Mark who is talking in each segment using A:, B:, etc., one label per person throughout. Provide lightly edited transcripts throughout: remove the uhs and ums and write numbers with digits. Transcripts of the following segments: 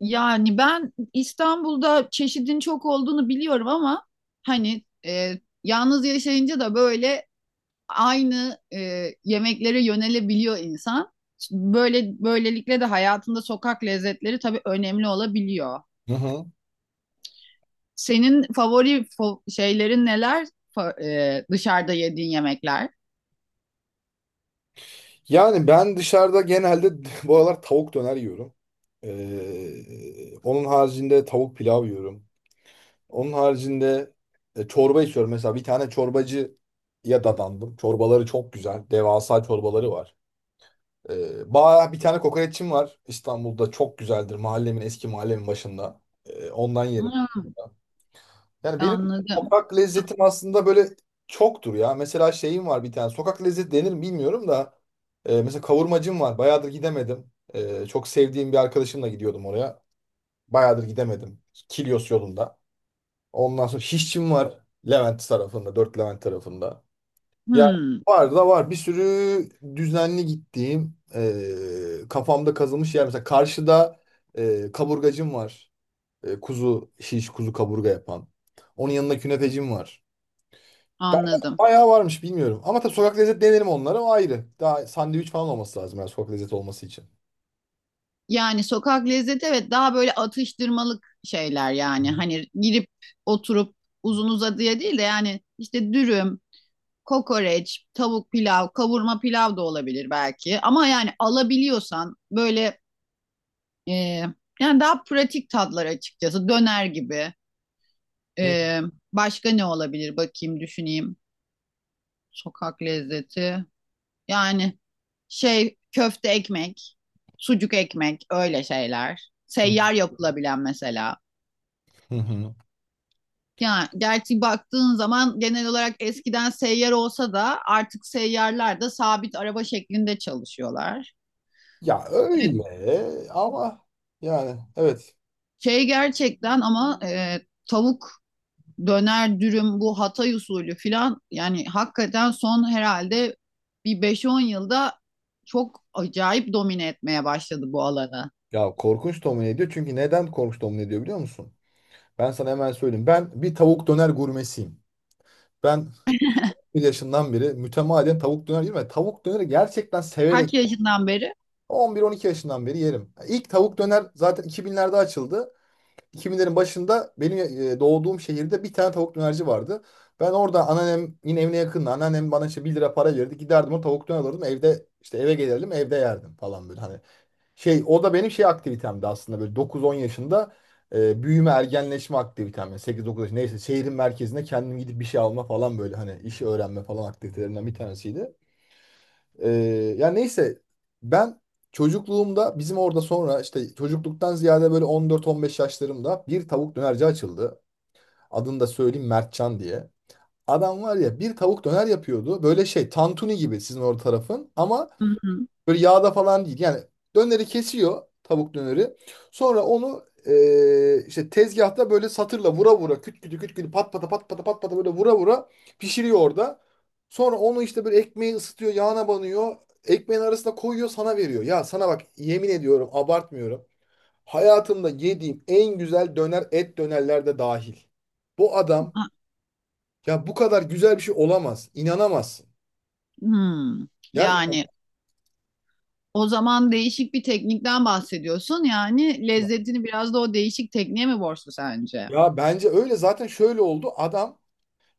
A: Yani ben İstanbul'da çeşidin çok olduğunu biliyorum ama hani yalnız yaşayınca da böyle aynı yemeklere yönelebiliyor insan. Böylelikle de hayatında sokak lezzetleri tabii önemli olabiliyor.
B: Hı hı.
A: Senin favori şeylerin neler? Dışarıda yediğin yemekler.
B: Yani ben dışarıda genelde bu aralar tavuk döner yiyorum. Onun haricinde tavuk pilav yiyorum. Onun haricinde çorba içiyorum. Mesela bir tane çorbacıya dadandım. Çorbaları çok güzel. Devasa çorbaları var. Ee, Bir tane kokoreççim var İstanbul'da. Çok güzeldir. Eski mahallemin başında. Ondan yerim.
A: Hmm,
B: Yani benim
A: anladım.
B: sokak lezzetim aslında böyle çoktur ya. Mesela şeyim var bir tane. Sokak lezzeti denir mi bilmiyorum da. Mesela kavurmacım var. Bayağıdır gidemedim. Çok sevdiğim bir arkadaşımla gidiyordum oraya. Bayağıdır gidemedim. Kilyos yolunda. Ondan sonra şişçim var. Levent tarafında. Dört Levent tarafında. Yani
A: Hmm,
B: var da var. Bir sürü düzenli gittiğim kafamda kazılmış yer. Mesela karşıda kaburgacım var. Kuzu şiş, kuzu kaburga yapan. Onun yanında künefecim var. Ben
A: anladım.
B: bayağı varmış bilmiyorum. Ama tabii sokak lezzet denerim onları, o ayrı. Daha sandviç falan olması lazım yani sokak lezzet olması için.
A: Yani sokak lezzeti, evet, daha böyle atıştırmalık şeyler
B: Hı
A: yani. Hani girip oturup uzun uzadıya değil de yani işte dürüm, kokoreç, tavuk pilav, kavurma pilav da olabilir belki. Ama yani alabiliyorsan böyle e, yani daha pratik tatlar açıkçası, döner gibi. E, Başka ne olabilir, bakayım düşüneyim. Sokak lezzeti. Yani şey, köfte ekmek, sucuk ekmek, öyle şeyler.
B: hı.
A: Seyyar yapılabilen mesela.
B: Hı hı.
A: Yani gerçi baktığın zaman genel olarak eskiden seyyar olsa da artık seyyarlar da sabit araba şeklinde çalışıyorlar.
B: Ya öyle ama yani evet.
A: Şey, gerçekten ama tavuk döner dürüm, bu Hatay usulü filan, yani hakikaten son herhalde bir beş on yılda çok acayip domine etmeye başladı bu alanı.
B: Ya korkunç domine ediyor. Çünkü neden korkunç domine ediyor biliyor musun? Ben sana hemen söyleyeyim. Ben bir tavuk döner gurmesiyim. Ben bir yaşından beri mütemadiyen tavuk döner yerim ve tavuk döneri gerçekten
A: Kaç
B: severek
A: yaşından beri?
B: 11-12 yaşından beri yerim. İlk tavuk döner zaten 2000'lerde açıldı. 2000'lerin başında benim doğduğum şehirde bir tane tavuk dönerci vardı. Ben orada, anneannem yine evine yakındı. Anneannem bana işte 1 lira para verirdi. Giderdim, o tavuk döner alırdım. Evde işte, eve gelirdim, evde yerdim falan böyle hani. Şey, o da benim şey aktivitemdi aslında, böyle 9-10 yaşında büyüme ergenleşme aktivitem. Yani 8-9 yaş neyse, şehrin merkezine kendim gidip bir şey alma falan böyle hani, işi öğrenme falan aktivitelerinden bir tanesiydi. Ee, Ya neyse, ben çocukluğumda bizim orada, sonra işte çocukluktan ziyade böyle 14-15 yaşlarımda bir tavuk dönerci açıldı. Adını da söyleyeyim, Mertcan diye. Adam var ya, bir tavuk döner yapıyordu. Böyle şey, tantuni gibi sizin orada tarafın ama
A: Hı hı.
B: böyle yağda falan değil. Yani döneri kesiyor, tavuk döneri. Sonra onu işte tezgahta böyle satırla vura vura, küt kütü küt kütü, pat pata pat pata pat pata, böyle vura vura pişiriyor orada. Sonra onu işte böyle ekmeği ısıtıyor, yağına banıyor. Ekmeğin arasına koyuyor, sana veriyor. Ya sana bak, yemin ediyorum, abartmıyorum. Hayatımda yediğim en güzel döner, et dönerler de dahil. Bu adam,
A: Ha,
B: ya bu kadar güzel bir şey olamaz. İnanamazsın.
A: hmm.
B: Ya,
A: Yani, o zaman değişik bir teknikten bahsediyorsun. Yani lezzetini biraz da o değişik tekniğe mi borçlu sence?
B: ya bence öyle zaten, şöyle oldu. Adam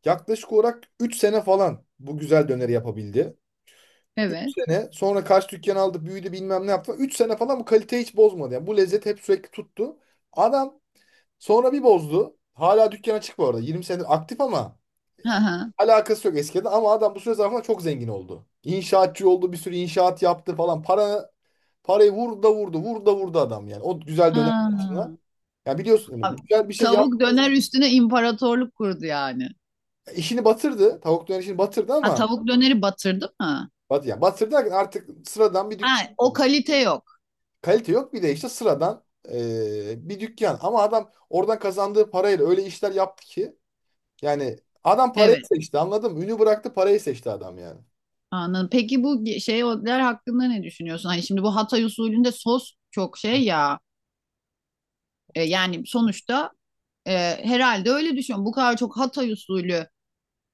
B: yaklaşık olarak 3 sene falan bu güzel döneri yapabildi. 3
A: Evet.
B: sene sonra kaç dükkan aldı, büyüdü, bilmem ne yaptı. Üç sene falan bu kaliteyi hiç bozmadı. Yani bu lezzet hep sürekli tuttu. Adam sonra bir bozdu. Hala dükkan açık bu arada. 20 senedir aktif ama
A: Hı
B: yani
A: hı.
B: alakası yok eskiden, ama adam bu süre zarfında çok zengin oldu. İnşaatçı oldu, bir sürü inşaat yaptı falan. Parayı vurdu da vurdu, vurdu da vurdu adam yani. O güzel dönem
A: Ha.
B: hatırına. Ya biliyorsun yani,
A: Abi,
B: güzel bir şey yap,
A: tavuk döner üstüne imparatorluk kurdu yani.
B: işini batırdı. Tavuk döner işini batırdı
A: Ha,
B: ama
A: tavuk döneri batırdı mı?
B: Ya batır derken artık sıradan bir dükkan
A: Ha, o
B: yani.
A: kalite yok.
B: Kalite yok, bir de işte sıradan bir dükkan. Ama adam oradan kazandığı parayla öyle işler yaptı ki, yani adam parayı
A: Evet.
B: seçti, anladın mı? Ünü bıraktı, parayı seçti adam yani.
A: Anladım. Peki bu şeyler hakkında ne düşünüyorsun? Hani şimdi bu Hatay usulünde sos çok şey ya. Yani sonuçta, e, herhalde öyle düşünüyorum. Bu kadar çok Hatay usulü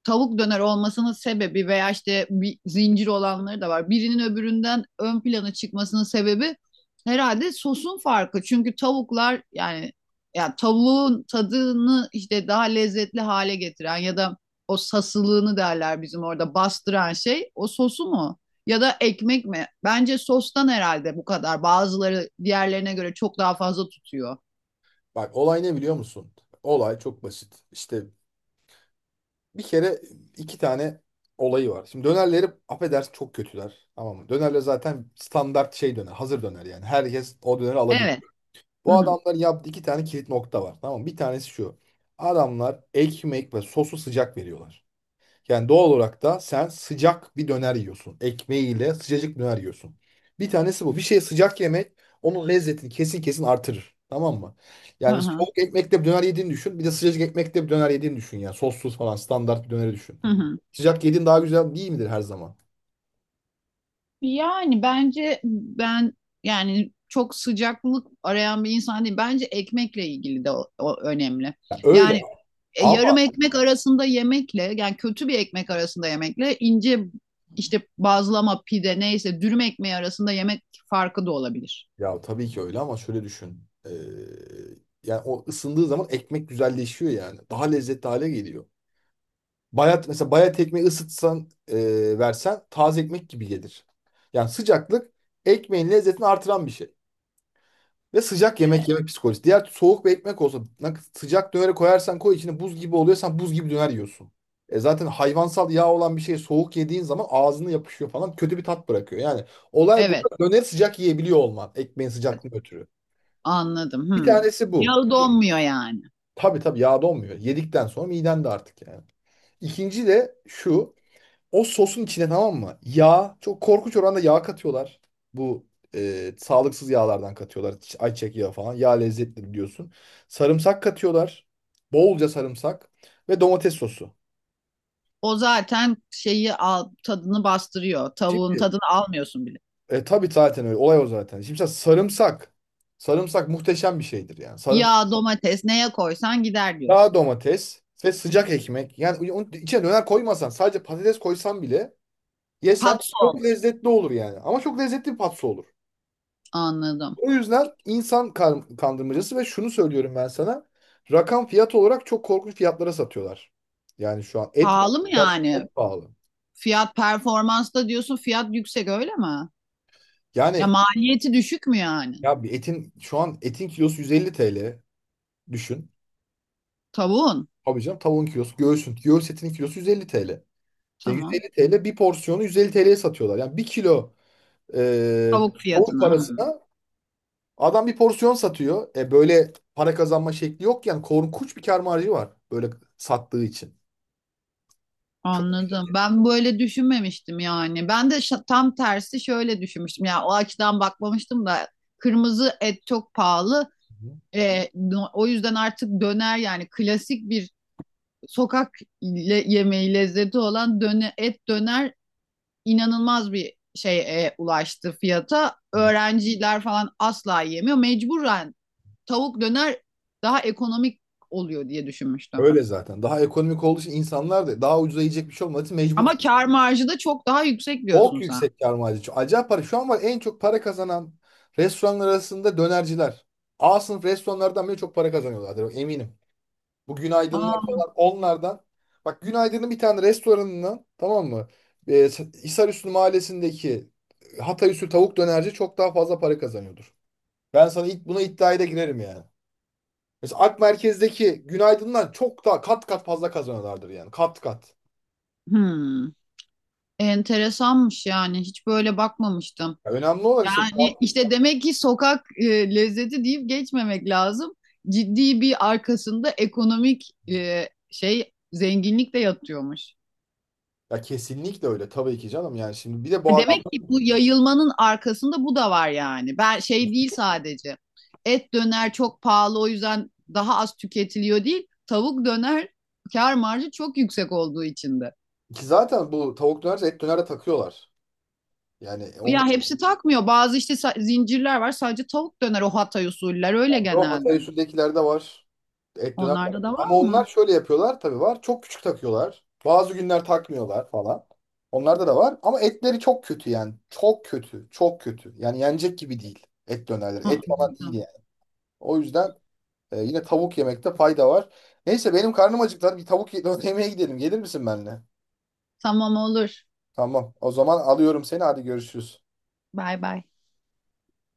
A: tavuk döner olmasının sebebi, veya işte bir zincir olanları da var, birinin öbüründen ön plana çıkmasının sebebi herhalde sosun farkı. Çünkü tavuklar yani, ya tavuğun tadını işte daha lezzetli hale getiren ya da o sasılığını derler bizim orada, bastıran şey o sosu mu? Ya da ekmek mi? Bence sostan herhalde bu kadar. Bazıları diğerlerine göre çok daha fazla tutuyor.
B: Bak olay ne biliyor musun? Olay çok basit. İşte bir kere iki tane olayı var. Şimdi dönerleri, affedersin, çok kötüler. Tamam mı? Dönerler zaten standart şey, döner. Hazır döner yani. Herkes o döneri alabilir.
A: Evet. Hı
B: Bu
A: hı.
B: adamların yaptığı iki tane kilit nokta var. Tamam mı? Bir tanesi şu. Adamlar ekmek ve sosu sıcak veriyorlar. Yani doğal olarak da sen sıcak bir döner yiyorsun. Ekmeğiyle sıcacık bir döner yiyorsun. Bir tanesi bu. Bir şey sıcak yemek onun lezzetini kesin kesin artırır. Tamam mı?
A: Hı
B: Yani mesela
A: hı.
B: soğuk ekmekte bir döner yediğini düşün. Bir de sıcacık ekmekte bir döner yediğini düşün. Yani sossuz falan standart bir döneri düşün.
A: Hı hı.
B: Sıcak yediğin daha güzel değil midir her zaman?
A: Yani bence ben, yani çok sıcaklık arayan bir insan değil. Bence ekmekle ilgili de o önemli.
B: Ya öyle.
A: Yani yarım
B: Ama
A: ekmek arasında yemekle, yani kötü bir ekmek arasında yemekle ince işte bazlama, pide, neyse dürüm ekmeği arasında yemek farkı da olabilir.
B: Ya tabii ki öyle ama şöyle düşün. Yani o ısındığı zaman ekmek güzelleşiyor yani. Daha lezzetli hale geliyor. Bayat mesela, bayat ekmeği ısıtsan versen taze ekmek gibi gelir. Yani sıcaklık ekmeğin lezzetini artıran bir şey. Ve sıcak yemek yemek psikolojisi. Diğer soğuk bir ekmek olsa, sıcak döneri koyarsan koy içine, buz gibi oluyor. Sen buz gibi döner yiyorsun. Zaten hayvansal yağ olan bir şey soğuk yediğin zaman ağzını yapışıyor falan, kötü bir tat bırakıyor. Yani olay, bu
A: Evet,
B: döneri sıcak yiyebiliyor olman ekmeğin sıcaklığını ötürü.
A: anladım.
B: Bir
A: Hmm.
B: tanesi bu.
A: Yağı donmuyor yani.
B: Tabii tabii, yağda olmuyor. Yedikten sonra miden de artık yani. İkinci de şu. O sosun içine, tamam mı? Yağ. Çok korkunç oranda yağ katıyorlar. Bu sağlıksız yağlardan katıyorlar. Ayçiçek yağı falan. Yağ lezzetli biliyorsun. Sarımsak katıyorlar. Bolca sarımsak. Ve domates sosu.
A: O zaten şeyi al, tadını bastırıyor. Tavuğun
B: Şimdi
A: tadını almıyorsun bile.
B: tabii zaten öyle. Olay o zaten. Şimdi sen, sarımsak. Sarımsak muhteşem bir şeydir yani. Sarımsak.
A: Yağ, domates, neye koysan gider
B: Daha
A: diyorsun.
B: domates ve sıcak ekmek. Yani onun içine döner koymasan, sadece patates koysan bile yesen
A: Patso.
B: çok lezzetli olur yani. Ama çok lezzetli bir patso olur.
A: Anladım.
B: O yüzden insan kandırmacası, ve şunu söylüyorum ben sana. Rakam, fiyat olarak çok korkunç fiyatlara satıyorlar. Yani şu an et
A: Pahalı mı
B: fiyat
A: yani?
B: çok pahalı.
A: Fiyat performans da diyorsun, fiyat yüksek öyle mi? Ya
B: Yani
A: maliyeti düşük mü yani?
B: ya bir etin, şu an etin kilosu 150 TL düşün.
A: Tavuğun.
B: Tabii canım, tavuğun kilosu, göğsün, göğüs etinin kilosu 150 TL. Yani
A: Tamam.
B: 150 TL, bir porsiyonu 150 TL'ye satıyorlar. Yani bir kilo e,
A: Tavuk
B: tavuk
A: fiyatına. Hmm.
B: parasına adam bir porsiyon satıyor. Böyle para kazanma şekli yok yani, korkunç bir kâr marjı var böyle sattığı için. Çok
A: Anladım. Ben böyle düşünmemiştim yani. Ben de tam tersi şöyle düşünmüştüm. Ya o açıdan bakmamıştım da kırmızı et çok pahalı. O yüzden artık döner, yani klasik bir sokak yemeği lezzeti olan et döner inanılmaz bir şeye ulaştı, fiyata. Öğrenciler falan asla yiyemiyor. Mecburen tavuk döner daha ekonomik oluyor diye düşünmüştüm.
B: öyle zaten. Daha ekonomik olduğu için, insanlar da daha ucuza yiyecek bir şey olmadığı için mecbur.
A: Ama kar marjı da çok daha yüksek
B: Çok
A: diyorsun sen.
B: yüksek kâr marjı. Acayip para. Şu an var en çok para kazanan restoranlar arasında dönerciler. A sınıf restoranlardan bile çok para kazanıyorlardır, eminim. Bu günaydınlar
A: Aa,
B: falan onlardan. Bak, günaydının bir tane restoranından, tamam mı? Ee, Hisarüstü mahallesindeki Hatay tavuk dönerci çok daha fazla para kazanıyordur. Ben sana ilk buna iddiaya da girerim yani. Mesela Ak Merkez'deki günaydınlar çok daha kat kat fazla kazanıyorlardır yani. Kat kat.
A: hmm. Enteresanmış yani. Hiç böyle bakmamıştım.
B: Ya önemli olan işte,
A: Yani işte demek ki sokak lezzeti deyip geçmemek lazım. Ciddi bir arkasında ekonomik şey, zenginlik de yatıyormuş.
B: ya kesinlikle öyle tabii ki canım, yani şimdi bir de bu adam,
A: Demek ki bu yayılmanın arkasında bu da var yani. Ben şey değil sadece. Et döner çok pahalı o yüzden daha az tüketiliyor değil. Tavuk döner kar marjı çok yüksek olduğu için de.
B: ki zaten bu tavuk dönerci et döner takıyorlar. Yani onlar.
A: Ya hepsi takmıyor. Bazı işte zincirler var, sadece tavuk döner, o Hatay usuller öyle
B: O Hatay
A: genelde.
B: usuldekilerde var. Et döner de var.
A: Onlarda da var
B: Ama onlar
A: mı?
B: şöyle yapıyorlar, tabii var. Çok küçük takıyorlar. Bazı günler takmıyorlar falan. Onlarda da var. Ama etleri çok kötü yani. Çok kötü. Çok kötü. Yani yenecek gibi değil. Et dönerleri.
A: Hı
B: Et falan değil
A: hı.
B: yani. O yüzden yine tavuk yemekte fayda var. Neyse benim karnım acıktı. Hadi bir tavuk yemeğe gidelim. Gelir misin benimle?
A: Tamam, olur.
B: Tamam. O zaman alıyorum seni. Hadi görüşürüz.
A: Bay bay.